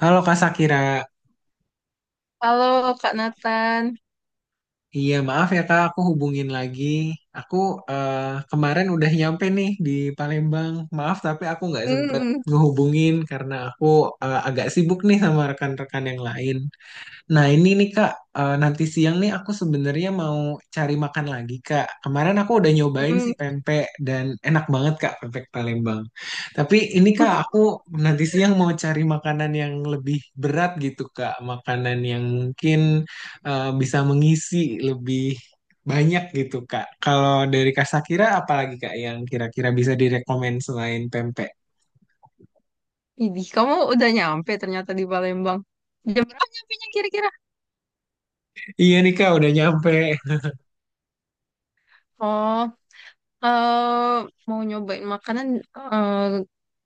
Halo Kak Sakira, Halo Kak Nathan. iya maaf ya Kak, aku hubungin lagi. Aku eh, kemarin udah nyampe nih di Palembang. Maaf tapi aku nggak sempet Mm-mm, ngehubungin karena agak sibuk nih sama rekan-rekan yang lain. Nah, ini nih Kak, nanti siang nih aku sebenarnya mau cari makan lagi Kak. Kemarin aku udah nyobain si mm-mm. pempek dan enak banget Kak pempek Palembang. Tapi ini Kak, aku nanti siang mau cari makanan yang lebih berat gitu Kak, makanan yang mungkin bisa mengisi lebih banyak gitu Kak. Kalau dari Kak Sakira apalagi Kak yang kira-kira bisa direkomend selain pempek? Idih, kamu udah nyampe ternyata di Palembang. Jam berapa nyampenya kira-kira? Iya nih Kak, udah nyampe. Oh, eh, mau nyobain makanan. eh,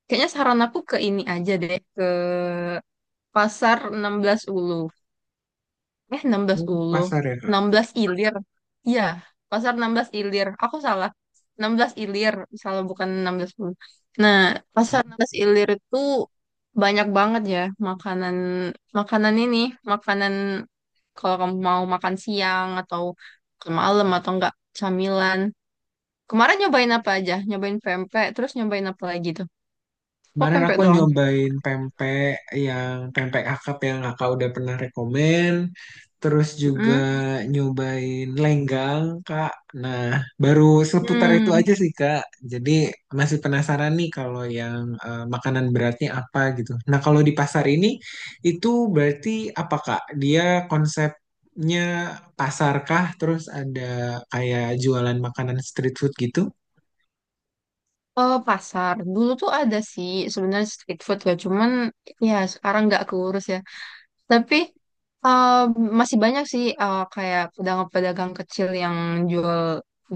kayaknya saran aku ke ini aja deh, ke Pasar 16 Ulu. Eh, 16 Oh, Ulu. pasar ya Kak. 16 Ilir. Iya, pasar 16 Ilir. Aku salah. 16 Ilir, salah bukan 16 Ulu. Nah, pasar 16 Ilir itu banyak banget ya, makanan makanan ini, makanan kalau kamu mau makan siang atau ke malam atau enggak camilan. Kemarin nyobain apa aja? Nyobain pempek, terus nyobain apa lagi tuh? Kok Kemarin pempek aku doang? nyobain pempek yang pempek akap yang kakak udah pernah rekomen. Terus juga Mm-mm. nyobain lenggang, Kak. Nah, baru seputar itu Hmm. aja sih, Kak. Jadi masih penasaran nih kalau makanan beratnya apa gitu. Nah, kalau di pasar ini itu berarti apa, Kak? Dia konsepnya pasarkah? Terus ada kayak jualan makanan street food gitu? Pasar dulu tuh ada sih sebenarnya street food ya, cuman ya sekarang nggak keurus ya, tapi eh, masih banyak sih, kayak pedagang-pedagang kecil yang jual,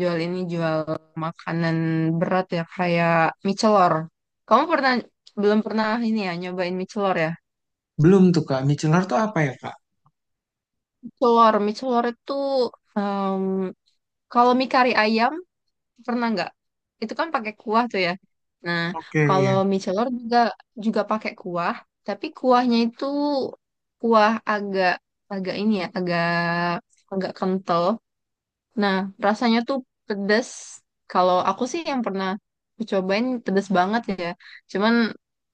jual ini, jual makanan berat ya kayak mie celor. Kamu pernah, belum pernah ini ya, nyobain mie celor ya? Belum tuh Kak, micellar tuh apa ya Kak? Mie celor itu, em, kalau mie kari ayam pernah nggak? Itu kan pakai kuah tuh ya. Nah, Oke, kalau iya. mie celor juga juga pakai kuah, tapi kuahnya itu kuah agak agak ini ya, agak agak kental. Nah, rasanya tuh pedes. Kalau aku sih yang pernah aku cobain pedes banget ya. Cuman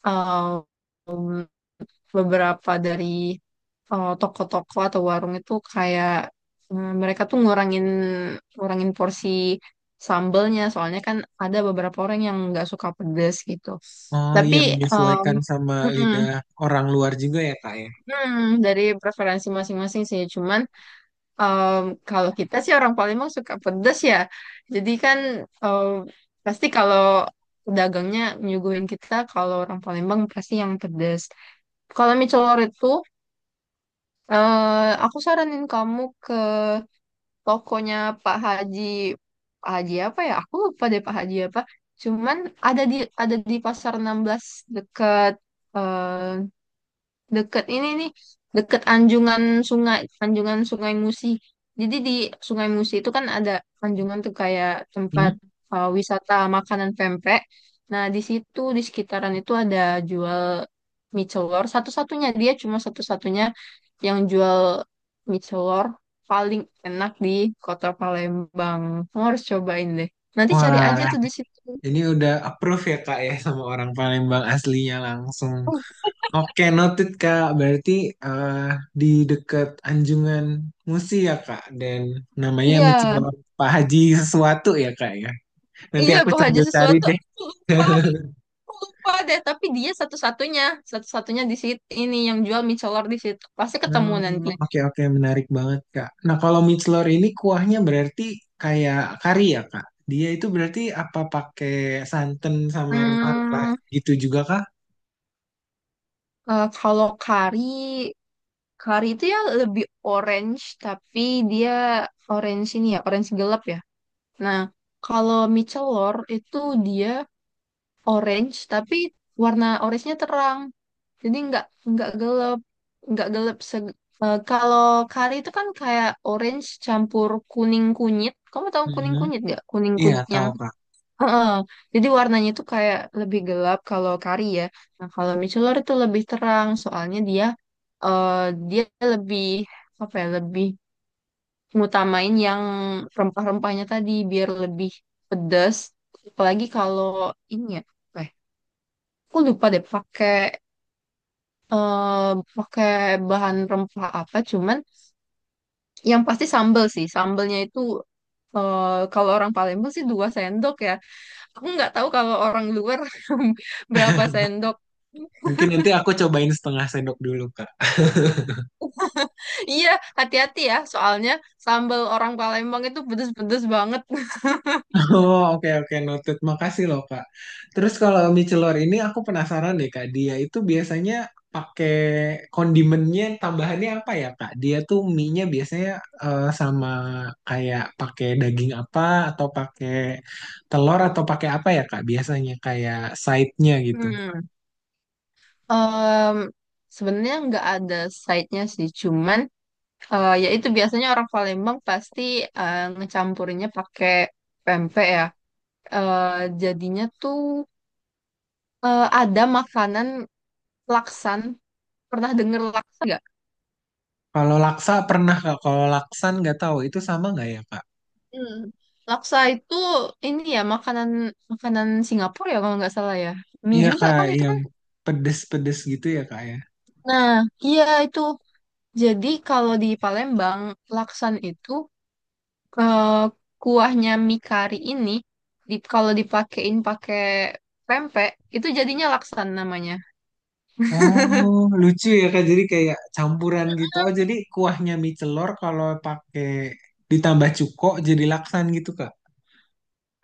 eh, beberapa dari toko-toko atau warung itu kayak mereka tuh ngurangin ngurangin porsi sambelnya, soalnya kan ada beberapa orang yang nggak suka pedas gitu. Oh Tapi iya, eh, menyesuaikan sama mm-mm, lidah orang luar juga ya Kak ya? Dari preferensi masing-masing sih. Cuman em, kalau kita sih orang Palembang suka pedas ya. Jadi kan em, pasti kalau dagangnya nyuguhin kita kalau orang Palembang pasti yang pedas. Kalau mie celor itu, aku saranin kamu ke tokonya Pak Haji, Pak Haji apa ya? Aku lupa deh Pak Haji apa. Cuman ada di ada di Pasar 16, dekat, deket ini nih, deket anjungan sungai, anjungan Sungai Musi. Jadi di Sungai Musi itu kan ada anjungan tuh kayak tempat Hmm? Wisata makanan pempek. Nah di situ, di sekitaran itu ada jual mie celor, satu-satunya, dia cuma satu-satunya yang jual mie celor paling enak di kota Palembang. Kamu harus cobain deh, nanti cari Wah, aja tuh di situ. ini udah approve ya Kak ya sama orang Palembang aslinya langsung. Oh, Oke, noted Kak. Berarti eh, di dekat Anjungan Musi ya Kak, dan namanya iya micellar Pak Haji sesuatu ya Kak ya. Nanti iya, aku Pak Haji sambil cari sesuatu. deh. Aku lupa deh, tapi dia satu-satunya, di situ ini yang jual mie celor di situ. Pasti ketemu Hmm, nanti. oke oke menarik banget Kak. Nah, kalau mixler ini kuahnya berarti kayak kari ya Kak. Dia itu berarti apa pakai santan sama rempah-rempah Hmm, gitu juga Kak? kalau kari, kari itu ya lebih orange, tapi dia orange ini ya, orange gelap ya. Nah, kalau mie celor itu dia orange tapi warna orange-nya terang. Jadi nggak gelap, nggak gelap. Kalau kari itu kan kayak orange campur kuning kunyit. Kamu tahu Hmm, kuning kunyit nggak? Kuning iya, kunyit yang. tahu Kak. Heeh. Jadi warnanya itu kayak lebih gelap kalau kari ya. Nah kalau michelor itu lebih terang, soalnya eh, dia lebih apa ya? Lebih ngutamain yang rempah-rempahnya tadi biar lebih pedas. Apalagi kalau ini ya. Apa ya, aku lupa deh eh pakai bahan rempah apa, cuman yang pasti sambel sih, sambelnya itu kalau orang Palembang sih 2 sendok ya. Aku nggak tahu kalau orang luar berapa sendok. Mungkin nanti aku cobain setengah sendok dulu Kak. Iya, hati-hati ya, soalnya sambel orang Palembang itu pedes-pedes banget. Oh, oke oke noted. Makasih loh, Kak. Terus kalau mie celor ini aku penasaran deh, Kak. Dia itu biasanya pakai kondimennya tambahannya apa ya, Kak? Dia tuh mie-nya biasanya sama kayak pakai daging apa atau pakai telur atau pakai apa ya, Kak? Biasanya kayak side-nya gitu. Hmm. Em, sebenarnya nggak ada side-nya sih, cuman ya itu biasanya orang Palembang pasti ngecampurinnya pakai pempek ya, jadinya tuh ada makanan laksan. Pernah denger laksa nggak? Kalau laksa pernah, Kak. Kalau laksan nggak tahu itu sama nggak ya, Kak? Hmm. Laksa itu. Ini ya, makanan makanan Singapura ya kalau nggak salah ya. Mie Iya, juga Kak, kan itu yang kan. pedes-pedes gitu ya, Kak ya. Nah, iya itu. Jadi kalau di Palembang, laksan itu eh, kuahnya mie kari ini, kalau dipakein pakai pempek, itu jadinya laksan namanya. Oh, lucu ya Kak. Jadi kayak campuran gitu. Oh, jadi kuahnya mie celor kalau pakai ditambah cuko jadi laksan gitu, Kak.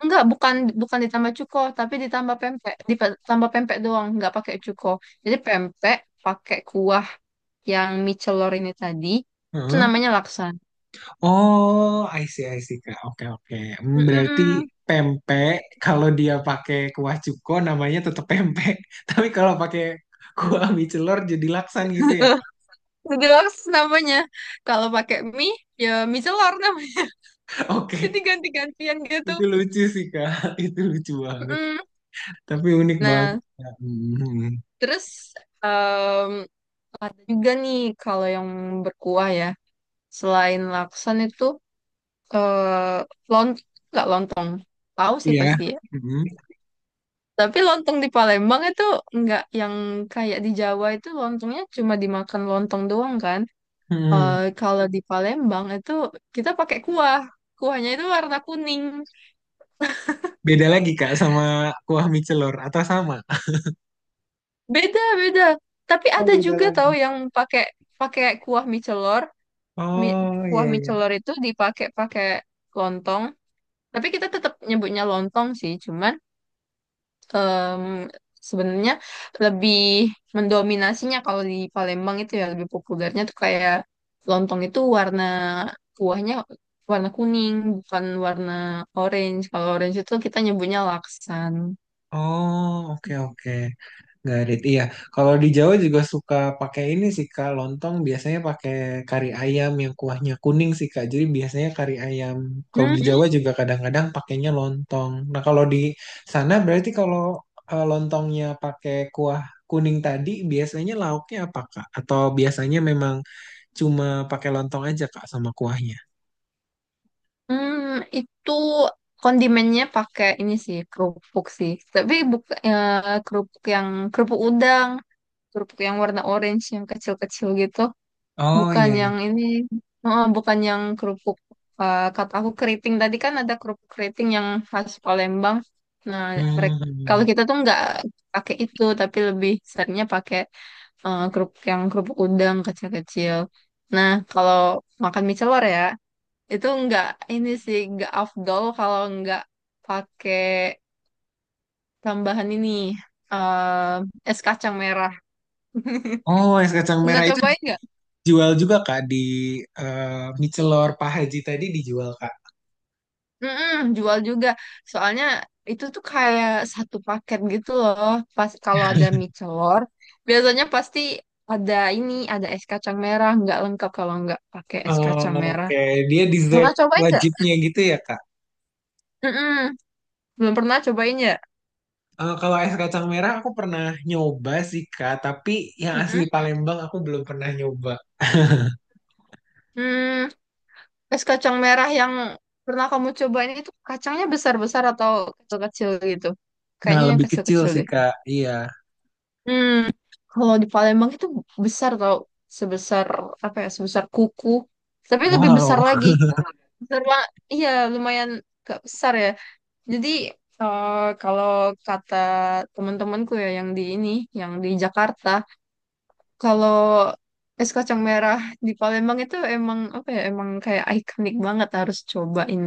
Enggak, bukan bukan ditambah cuko, tapi ditambah pempek. Ditambah pempek doang, enggak pakai cuko. Jadi pempek pakai kuah yang mie celor ini tadi, itu Heeh. namanya laksan. Oh, I see, Kak. Oke, oke. Hmm, berarti Mm-mm. pempek kalau dia pakai kuah cuko namanya tetap pempek. Tapi kalau pakai kuah mie celor jadi laksan gitu ya, Kak. Jadi laksan namanya. Kalau pakai mie, ya mie celor namanya. Jadi Oke. ganti-gantian gitu. Itu lucu sih, Kak. Itu lucu banget. Mm-mm. Tapi unik banget. Nah, Kak. Hmm. terus em, ada juga nih kalau yang berkuah ya. Selain laksan itu, eh lont enggak, lontong. Tahu sih Iya. pasti ya. Hmm. Tapi lontong di Palembang itu nggak yang kayak di Jawa itu, lontongnya cuma dimakan lontong doang kan. Eh, Hmm. kalau di Palembang itu kita pakai kuah. Kuahnya itu warna kuning. Beda lagi Kak sama kuah mie celor atau sama? Beda, beda. Tapi Oh, ada beda juga tahu lagi. yang pakai pakai kuah mie celor. Mi- Oh kuah iya mie iya. celor itu dipakai pakai lontong. Tapi kita tetap nyebutnya lontong sih, cuman em, sebenarnya lebih mendominasinya kalau di Palembang itu ya lebih populernya tuh kayak lontong itu warna kuahnya warna kuning, bukan warna orange. Kalau orange itu kita nyebutnya laksan. Oh oke oke. Garit. Iya. Kalau di Jawa juga suka pakai ini sih Kak, lontong biasanya pakai kari ayam yang kuahnya kuning sih Kak. Jadi biasanya kari ayam. Kalau di Hmm, Jawa juga kadang-kadang pakainya lontong. Nah, kalau di sana berarti kalau lontongnya pakai kuah kuning tadi biasanya lauknya apa Kak? Atau biasanya memang cuma pakai lontong aja Kak sama kuahnya? hmm, itu kondimennya pakai ini sih, kerupuk sih. Tapi bukan kerupuk yang kerupuk udang, kerupuk yang warna orange yang kecil-kecil gitu. Oh Bukan iya. yang ini, oh, bukan yang kerupuk. Kata aku keriting tadi kan ada kerupuk keriting yang khas Palembang. Nah, mereka, Hmm. kalau kita tuh nggak pakai itu, tapi lebih seringnya pakai kerupuk yang kerupuk udang kecil-kecil. Nah, kalau makan mie celor ya, itu nggak ini sih, nggak afdol kalau nggak pakai tambahan ini, eh es kacang merah. Oh, es kacang Pernah merah itu cobain? dijual juga Kak di Michelor Pak Haji tadi dijual Kak. Mm-mm, jual juga. Soalnya itu tuh kayak satu paket gitu loh. Pas kalau ada mie celor, biasanya pasti ada ini, ada es kacang merah. Nggak lengkap kalau nggak pakai es kacang Oh, merah. oke, dia dessert Pernah cobain nggak? wajibnya gitu ya Kak. Mm-mm, belum pernah cobain ya? Eh, kalau es kacang merah aku pernah nyoba sih Kak, tapi yang asli Mm-mm. Palembang aku belum pernah nyoba. Hmm, es kacang merah yang pernah kamu cobain itu kacangnya besar-besar atau kecil-kecil gitu? Nah, Kayaknya yang lebih kecil kecil-kecil sih deh. Kak. Iya. Hmm, kalau di Palembang itu besar tau, sebesar apa ya, sebesar kuku. Tapi lebih Wow. besar lagi. Besar banget. Iya, lumayan gak besar ya. Jadi eh, kalau kata teman-temanku ya yang di ini, yang di Jakarta, kalau es kacang merah di Palembang itu emang apa ya, emang kayak ikonik banget harus cobain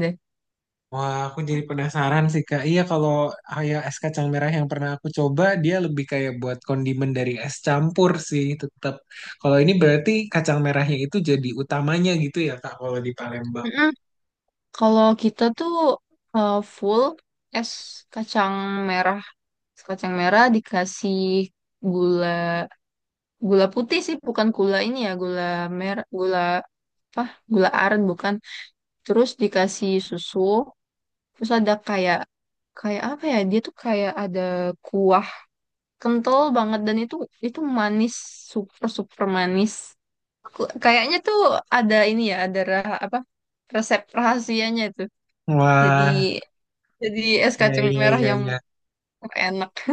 Wah, aku jadi penasaran sih, Kak. Iya, kalau kayak es kacang merah yang pernah aku coba, dia lebih kayak buat kondimen dari es campur sih, tetap. Kalau ini berarti kacang merahnya itu jadi utamanya gitu ya, Kak, kalau di Palembang. deh. Kalau kita tuh full es kacang merah, es kacang merah dikasih gula, gula putih sih, bukan gula ini ya, gula merah, gula apa? Gula aren bukan. Terus dikasih susu, terus ada kayak kayak apa ya? Dia tuh kayak ada kuah kental banget dan itu manis, super super manis. Kayaknya tuh ada ini ya, ada apa? Resep rahasianya itu. Jadi Wah, Jadi es ya, kacang ya, merah ya, yang ya. enak.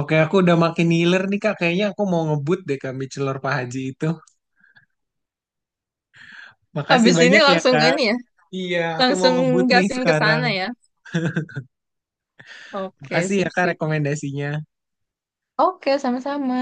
Oke, aku udah makin ngiler nih, Kak. Kayaknya aku mau ngebut deh, Kak, mie celor Pak Haji itu. Makasih Habis ini banyak ya, langsung Kak. ini ya, Iya, aku mau ngebut langsung nih gasin ke sekarang. sana ya. Oke, Makasih ya, Kak, sip-sip. rekomendasinya. Oke, sama-sama.